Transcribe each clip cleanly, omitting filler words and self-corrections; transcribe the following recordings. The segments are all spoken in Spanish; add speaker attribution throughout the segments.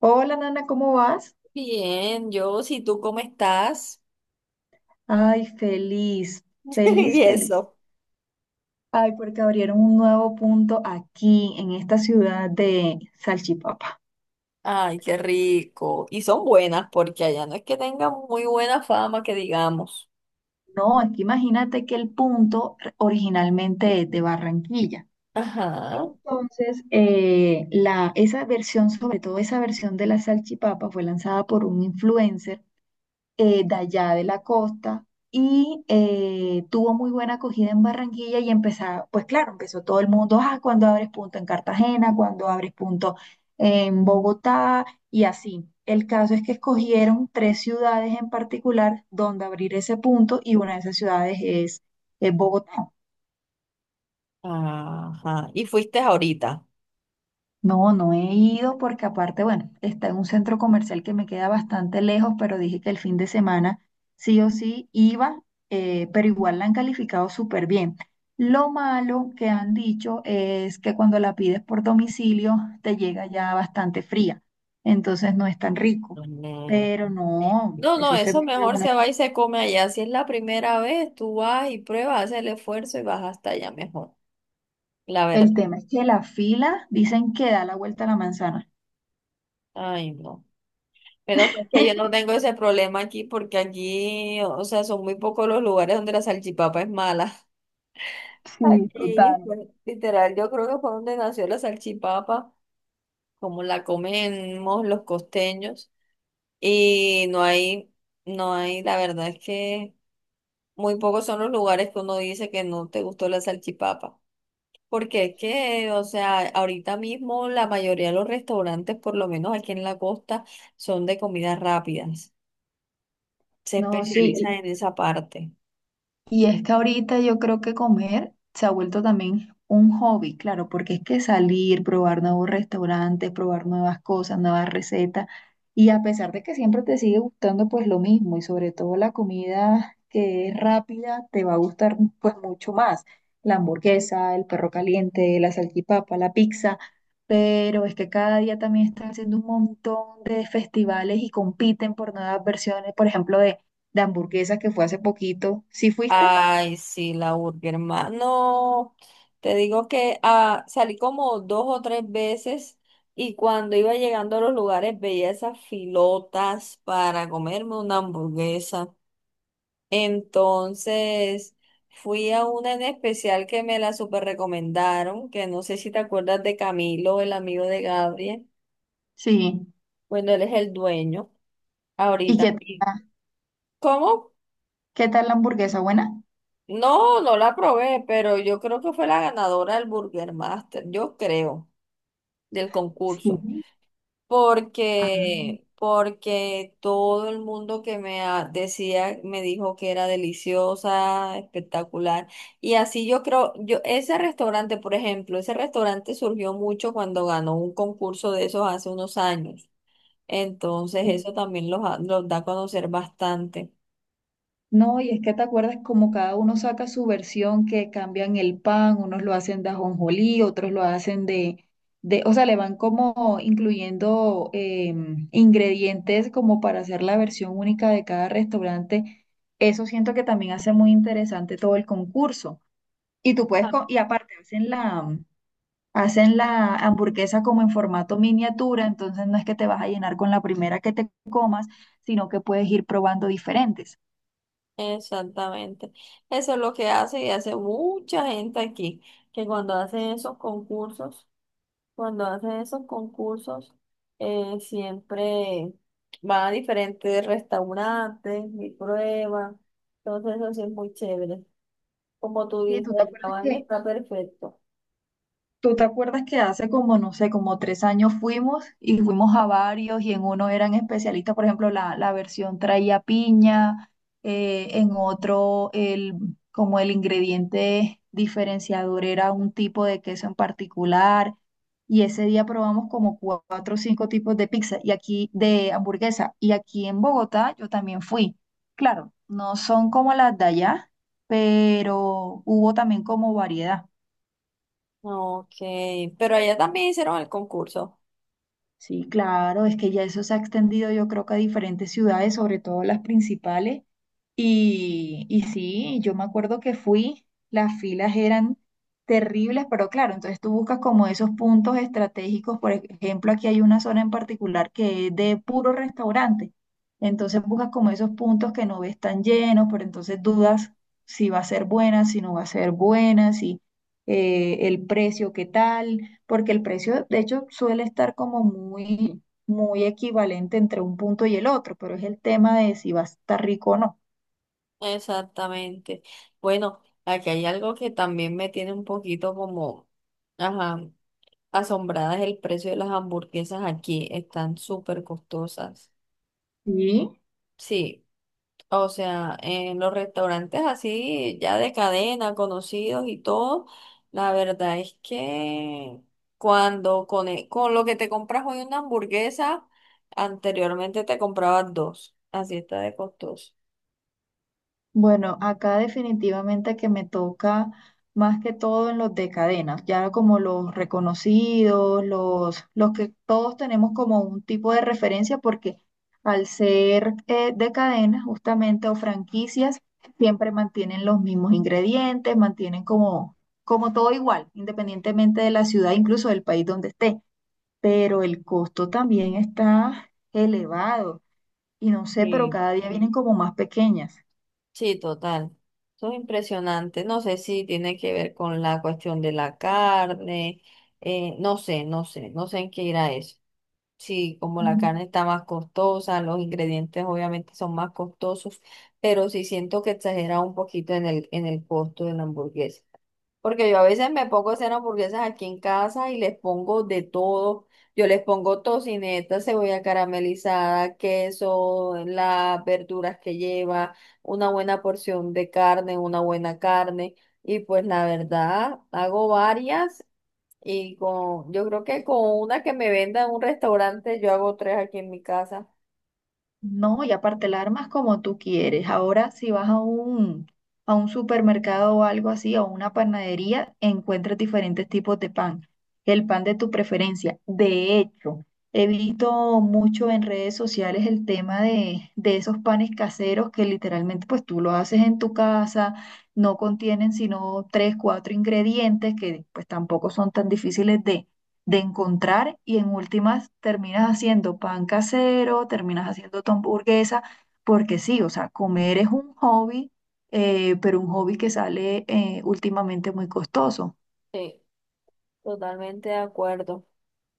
Speaker 1: Hola, Nana, ¿cómo vas?
Speaker 2: Bien, yo, si tú ¿cómo estás?
Speaker 1: Ay, feliz, feliz,
Speaker 2: Y
Speaker 1: feliz.
Speaker 2: eso.
Speaker 1: Ay, porque abrieron un nuevo punto aquí en esta ciudad de Salchipapa.
Speaker 2: Ay, qué rico. Y son buenas porque allá no es que tengan muy buena fama, que digamos.
Speaker 1: No, aquí imagínate que el punto originalmente es de Barranquilla.
Speaker 2: Ajá,
Speaker 1: Entonces, esa versión, sobre todo esa versión de la salchipapa, fue lanzada por un influencer de allá de la costa y tuvo muy buena acogida en Barranquilla y empezaba, pues claro, empezó todo el mundo, ah, cuando abres punto en Cartagena, cuando abres punto en Bogotá y así. El caso es que escogieron tres ciudades en particular donde abrir ese punto y una de esas ciudades es Bogotá.
Speaker 2: ajá. Y fuiste ahorita.
Speaker 1: No, no he ido porque aparte, bueno, está en un centro comercial que me queda bastante lejos, pero dije que el fin de semana sí o sí iba, pero igual la han calificado súper bien. Lo malo que han dicho es que cuando la pides por domicilio te llega ya bastante fría, entonces no es tan rico.
Speaker 2: Mm.
Speaker 1: Pero no,
Speaker 2: No, no,
Speaker 1: eso se
Speaker 2: eso
Speaker 1: me pega
Speaker 2: mejor
Speaker 1: una-
Speaker 2: se va y se come allá. Si es la primera vez, tú vas y pruebas, haces el esfuerzo y vas hasta allá mejor. La verdad.
Speaker 1: El tema es que la fila dicen que da la vuelta a la manzana.
Speaker 2: Ay, no. Pero es que yo no tengo ese problema aquí porque aquí, o sea, son muy pocos los lugares donde la salchipapa es mala.
Speaker 1: Sí,
Speaker 2: Aquí,
Speaker 1: total.
Speaker 2: pues, literal, yo creo que fue donde nació la salchipapa, como la comemos los costeños. Y no hay, la verdad es que muy pocos son los lugares que uno dice que no te gustó la salchipapa. Porque es que, o sea, ahorita mismo la mayoría de los restaurantes, por lo menos aquí en la costa, son de comidas rápidas. Se
Speaker 1: No,
Speaker 2: especializan
Speaker 1: sí.
Speaker 2: en esa parte.
Speaker 1: Y es que ahorita yo creo que comer se ha vuelto también un hobby, claro, porque es que salir, probar nuevos restaurantes, probar nuevas cosas, nuevas recetas, y a pesar de que siempre te sigue gustando pues lo mismo, y sobre todo la comida que es rápida, te va a gustar pues mucho más, la hamburguesa, el perro caliente, la salchipapa, la pizza, pero es que cada día también están haciendo un montón de festivales y compiten por nuevas versiones, por ejemplo, de hamburguesa que fue hace poquito. ¿Sí fuiste?
Speaker 2: Ay, sí, la burger, hermano. Te digo que salí como dos o tres veces y cuando iba llegando a los lugares veía esas filotas para comerme una hamburguesa. Entonces fui a una en especial que me la super recomendaron, que no sé si te acuerdas de Camilo, el amigo de Gabriel.
Speaker 1: Sí.
Speaker 2: Bueno, él es el dueño
Speaker 1: ¿Y
Speaker 2: ahorita.
Speaker 1: qué tal,
Speaker 2: ¿Cómo?
Speaker 1: tal la hamburguesa? ¿Buena?
Speaker 2: No, no la probé, pero yo creo que fue la ganadora del Burger Master, yo creo, del concurso,
Speaker 1: Sí. Ah,
Speaker 2: porque todo el mundo que decía me dijo que era deliciosa, espectacular, y así yo creo, yo ese restaurante, por ejemplo, ese restaurante surgió mucho cuando ganó un concurso de esos hace unos años. Entonces
Speaker 1: sí.
Speaker 2: eso también los da a conocer bastante.
Speaker 1: No, y es que te acuerdas como cada uno saca su versión, que cambian el pan, unos lo hacen de ajonjolí, otros lo hacen o sea, le van como incluyendo ingredientes como para hacer la versión única de cada restaurante. Eso siento que también hace muy interesante todo el concurso. Y tú puedes, co- y aparte hacen la, hacen la hamburguesa como en formato miniatura, entonces no es que te vas a llenar con la primera que te comas, sino que puedes ir probando diferentes.
Speaker 2: Exactamente. Eso es lo que hace y hace mucha gente aquí, que cuando hacen esos concursos, siempre van a diferentes restaurantes y prueban. Entonces eso sí es muy chévere. Como tú
Speaker 1: Sí,
Speaker 2: dices,
Speaker 1: ¿tú te
Speaker 2: el
Speaker 1: acuerdas
Speaker 2: tamaño
Speaker 1: que
Speaker 2: está perfecto.
Speaker 1: ¿Tú te acuerdas que hace como, no sé, como 3 años fuimos y fuimos a varios y en uno eran especialistas, por ejemplo, la versión traía piña, en otro el, como el ingrediente diferenciador era un tipo de queso en particular y ese día probamos como cua- cuatro o cinco tipos de pizza y aquí de hamburguesa y aquí en Bogotá yo también fui. Claro, no son como las de allá, pero hubo también como variedad.
Speaker 2: Ok, pero allá también hicieron el concurso.
Speaker 1: Sí, claro, es que ya eso se ha extendido yo creo que a diferentes ciudades, sobre todo las principales, y sí, yo me acuerdo que fui, las filas eran terribles, pero claro, entonces tú buscas como esos puntos estratégicos, por ejemplo, aquí hay una zona en particular que es de puro restaurante, entonces buscas como esos puntos que no ves tan llenos, pero entonces dudas si va a ser buena, si no va a ser buena, si el precio, qué tal, porque el precio, de hecho, suele estar como muy, muy equivalente entre un punto y el otro, pero es el tema de si va a estar rico o no.
Speaker 2: Exactamente. Bueno, aquí hay algo que también me tiene un poquito como... Ajá. Asombradas el precio de las hamburguesas aquí, están súper costosas.
Speaker 1: Sí,
Speaker 2: Sí, o sea, en los restaurantes así, ya de cadena, conocidos y todo, la verdad es que cuando con lo que te compras hoy una hamburguesa, anteriormente te comprabas dos, así está de costoso.
Speaker 1: bueno, acá definitivamente que me toca más que todo en los de cadenas, ya como los reconocidos, los que todos tenemos como un tipo de referencia, porque al ser de cadenas justamente o franquicias, siempre mantienen los mismos ingredientes, mantienen como todo igual, independientemente de la ciudad, incluso del país donde esté, pero el costo también está elevado y no sé, pero
Speaker 2: Sí,
Speaker 1: cada día vienen como más pequeñas.
Speaker 2: sí, total. Eso es impresionante. No sé si tiene que ver con la cuestión de la carne. No sé, no sé, no sé en qué irá eso. Sí, como la
Speaker 1: Mm.
Speaker 2: carne está más costosa, los ingredientes obviamente son más costosos, pero sí siento que exagera un poquito en en el costo de la hamburguesa. Porque yo a veces me pongo a hacer hamburguesas aquí en casa y les pongo de todo. Yo les pongo tocineta, cebolla caramelizada, queso, las verduras que lleva, una buena porción de carne, una buena carne. Y pues la verdad, hago varias y yo creo que con una que me venda en un restaurante, yo hago tres aquí en mi casa.
Speaker 1: No, y aparte la armas como tú quieres. Ahora si vas a un supermercado o algo así, o una panadería, encuentras diferentes tipos de pan. El pan de tu preferencia. De hecho, he visto mucho en redes sociales el tema de esos panes caseros que literalmente pues tú lo haces en tu casa, no contienen sino tres, cuatro ingredientes que pues tampoco son tan difíciles de encontrar y en últimas terminas haciendo pan casero, terminas haciendo tu hamburguesa, porque sí, o sea, comer es un hobby, pero un hobby que sale últimamente muy costoso.
Speaker 2: Sí, totalmente de acuerdo.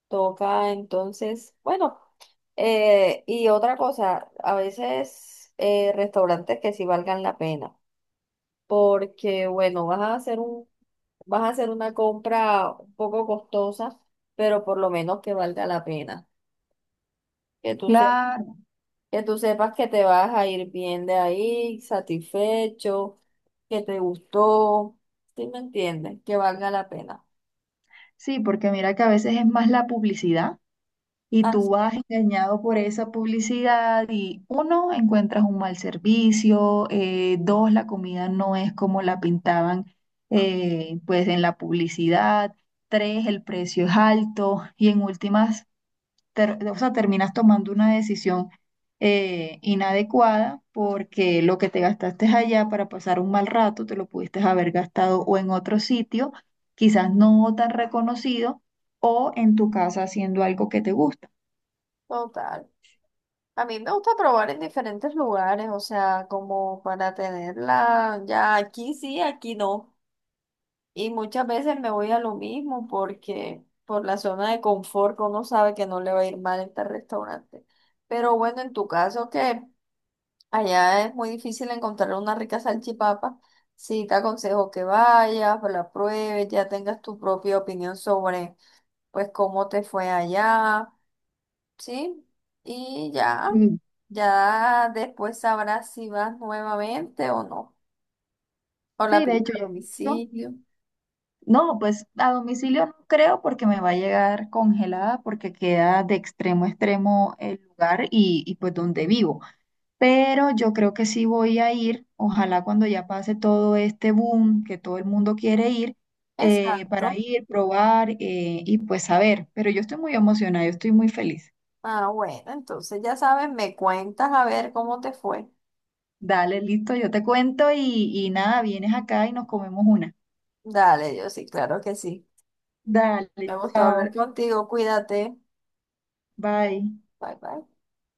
Speaker 2: Toca entonces, bueno, y otra cosa, a veces restaurantes que sí valgan la pena, porque bueno, vas a hacer una compra un poco costosa, pero por lo menos que valga la pena. Que tú
Speaker 1: Claro,
Speaker 2: que tú sepas que te vas a ir bien de ahí, satisfecho, que te gustó, ¿sí me entiendes? Que valga la pena.
Speaker 1: sí, porque mira que a veces es más la publicidad. Y tú
Speaker 2: Así es,
Speaker 1: vas engañado por esa publicidad y uno, encuentras un mal servicio, dos, la comida no es como la pintaban pues en la publicidad, tres, el precio es alto y en últimas, ter- o sea, terminas tomando una decisión inadecuada porque lo que te gastaste allá para pasar un mal rato, te lo pudiste haber gastado o en otro sitio, quizás no tan reconocido, o en tu casa haciendo algo que te gusta.
Speaker 2: total. A mí me gusta probar en diferentes lugares, o sea, como para tenerla ya aquí sí, aquí no. Y muchas veces me voy a lo mismo porque por la zona de confort que uno sabe que no le va a ir mal en este restaurante. Pero bueno, en tu caso, ¿qué? Allá es muy difícil encontrar una rica salchipapa. Sí, te aconsejo que vayas, la pruebes, ya tengas tu propia opinión sobre, pues, cómo te fue allá, ¿sí? Y ya,
Speaker 1: Mm.
Speaker 2: ya después sabrás si vas nuevamente o no, o la
Speaker 1: Sí, de
Speaker 2: pides
Speaker 1: hecho,
Speaker 2: a
Speaker 1: yo he visto.
Speaker 2: domicilio.
Speaker 1: No, pues a domicilio no creo porque me va a llegar congelada porque queda de extremo a extremo el lugar y pues donde vivo. Pero yo creo que sí voy a ir, ojalá cuando ya pase todo este boom que todo el mundo quiere ir, para
Speaker 2: Exacto.
Speaker 1: ir, probar y pues saber. Pero yo estoy muy emocionada, yo estoy muy feliz.
Speaker 2: Ah, bueno, entonces ya sabes, me cuentas a ver cómo te fue.
Speaker 1: Dale, listo, yo te cuento y nada, vienes acá y nos comemos una.
Speaker 2: Dale, yo sí, claro que sí.
Speaker 1: Dale,
Speaker 2: Me gustó hablar
Speaker 1: chao,
Speaker 2: contigo, cuídate.
Speaker 1: bye.
Speaker 2: Bye, bye.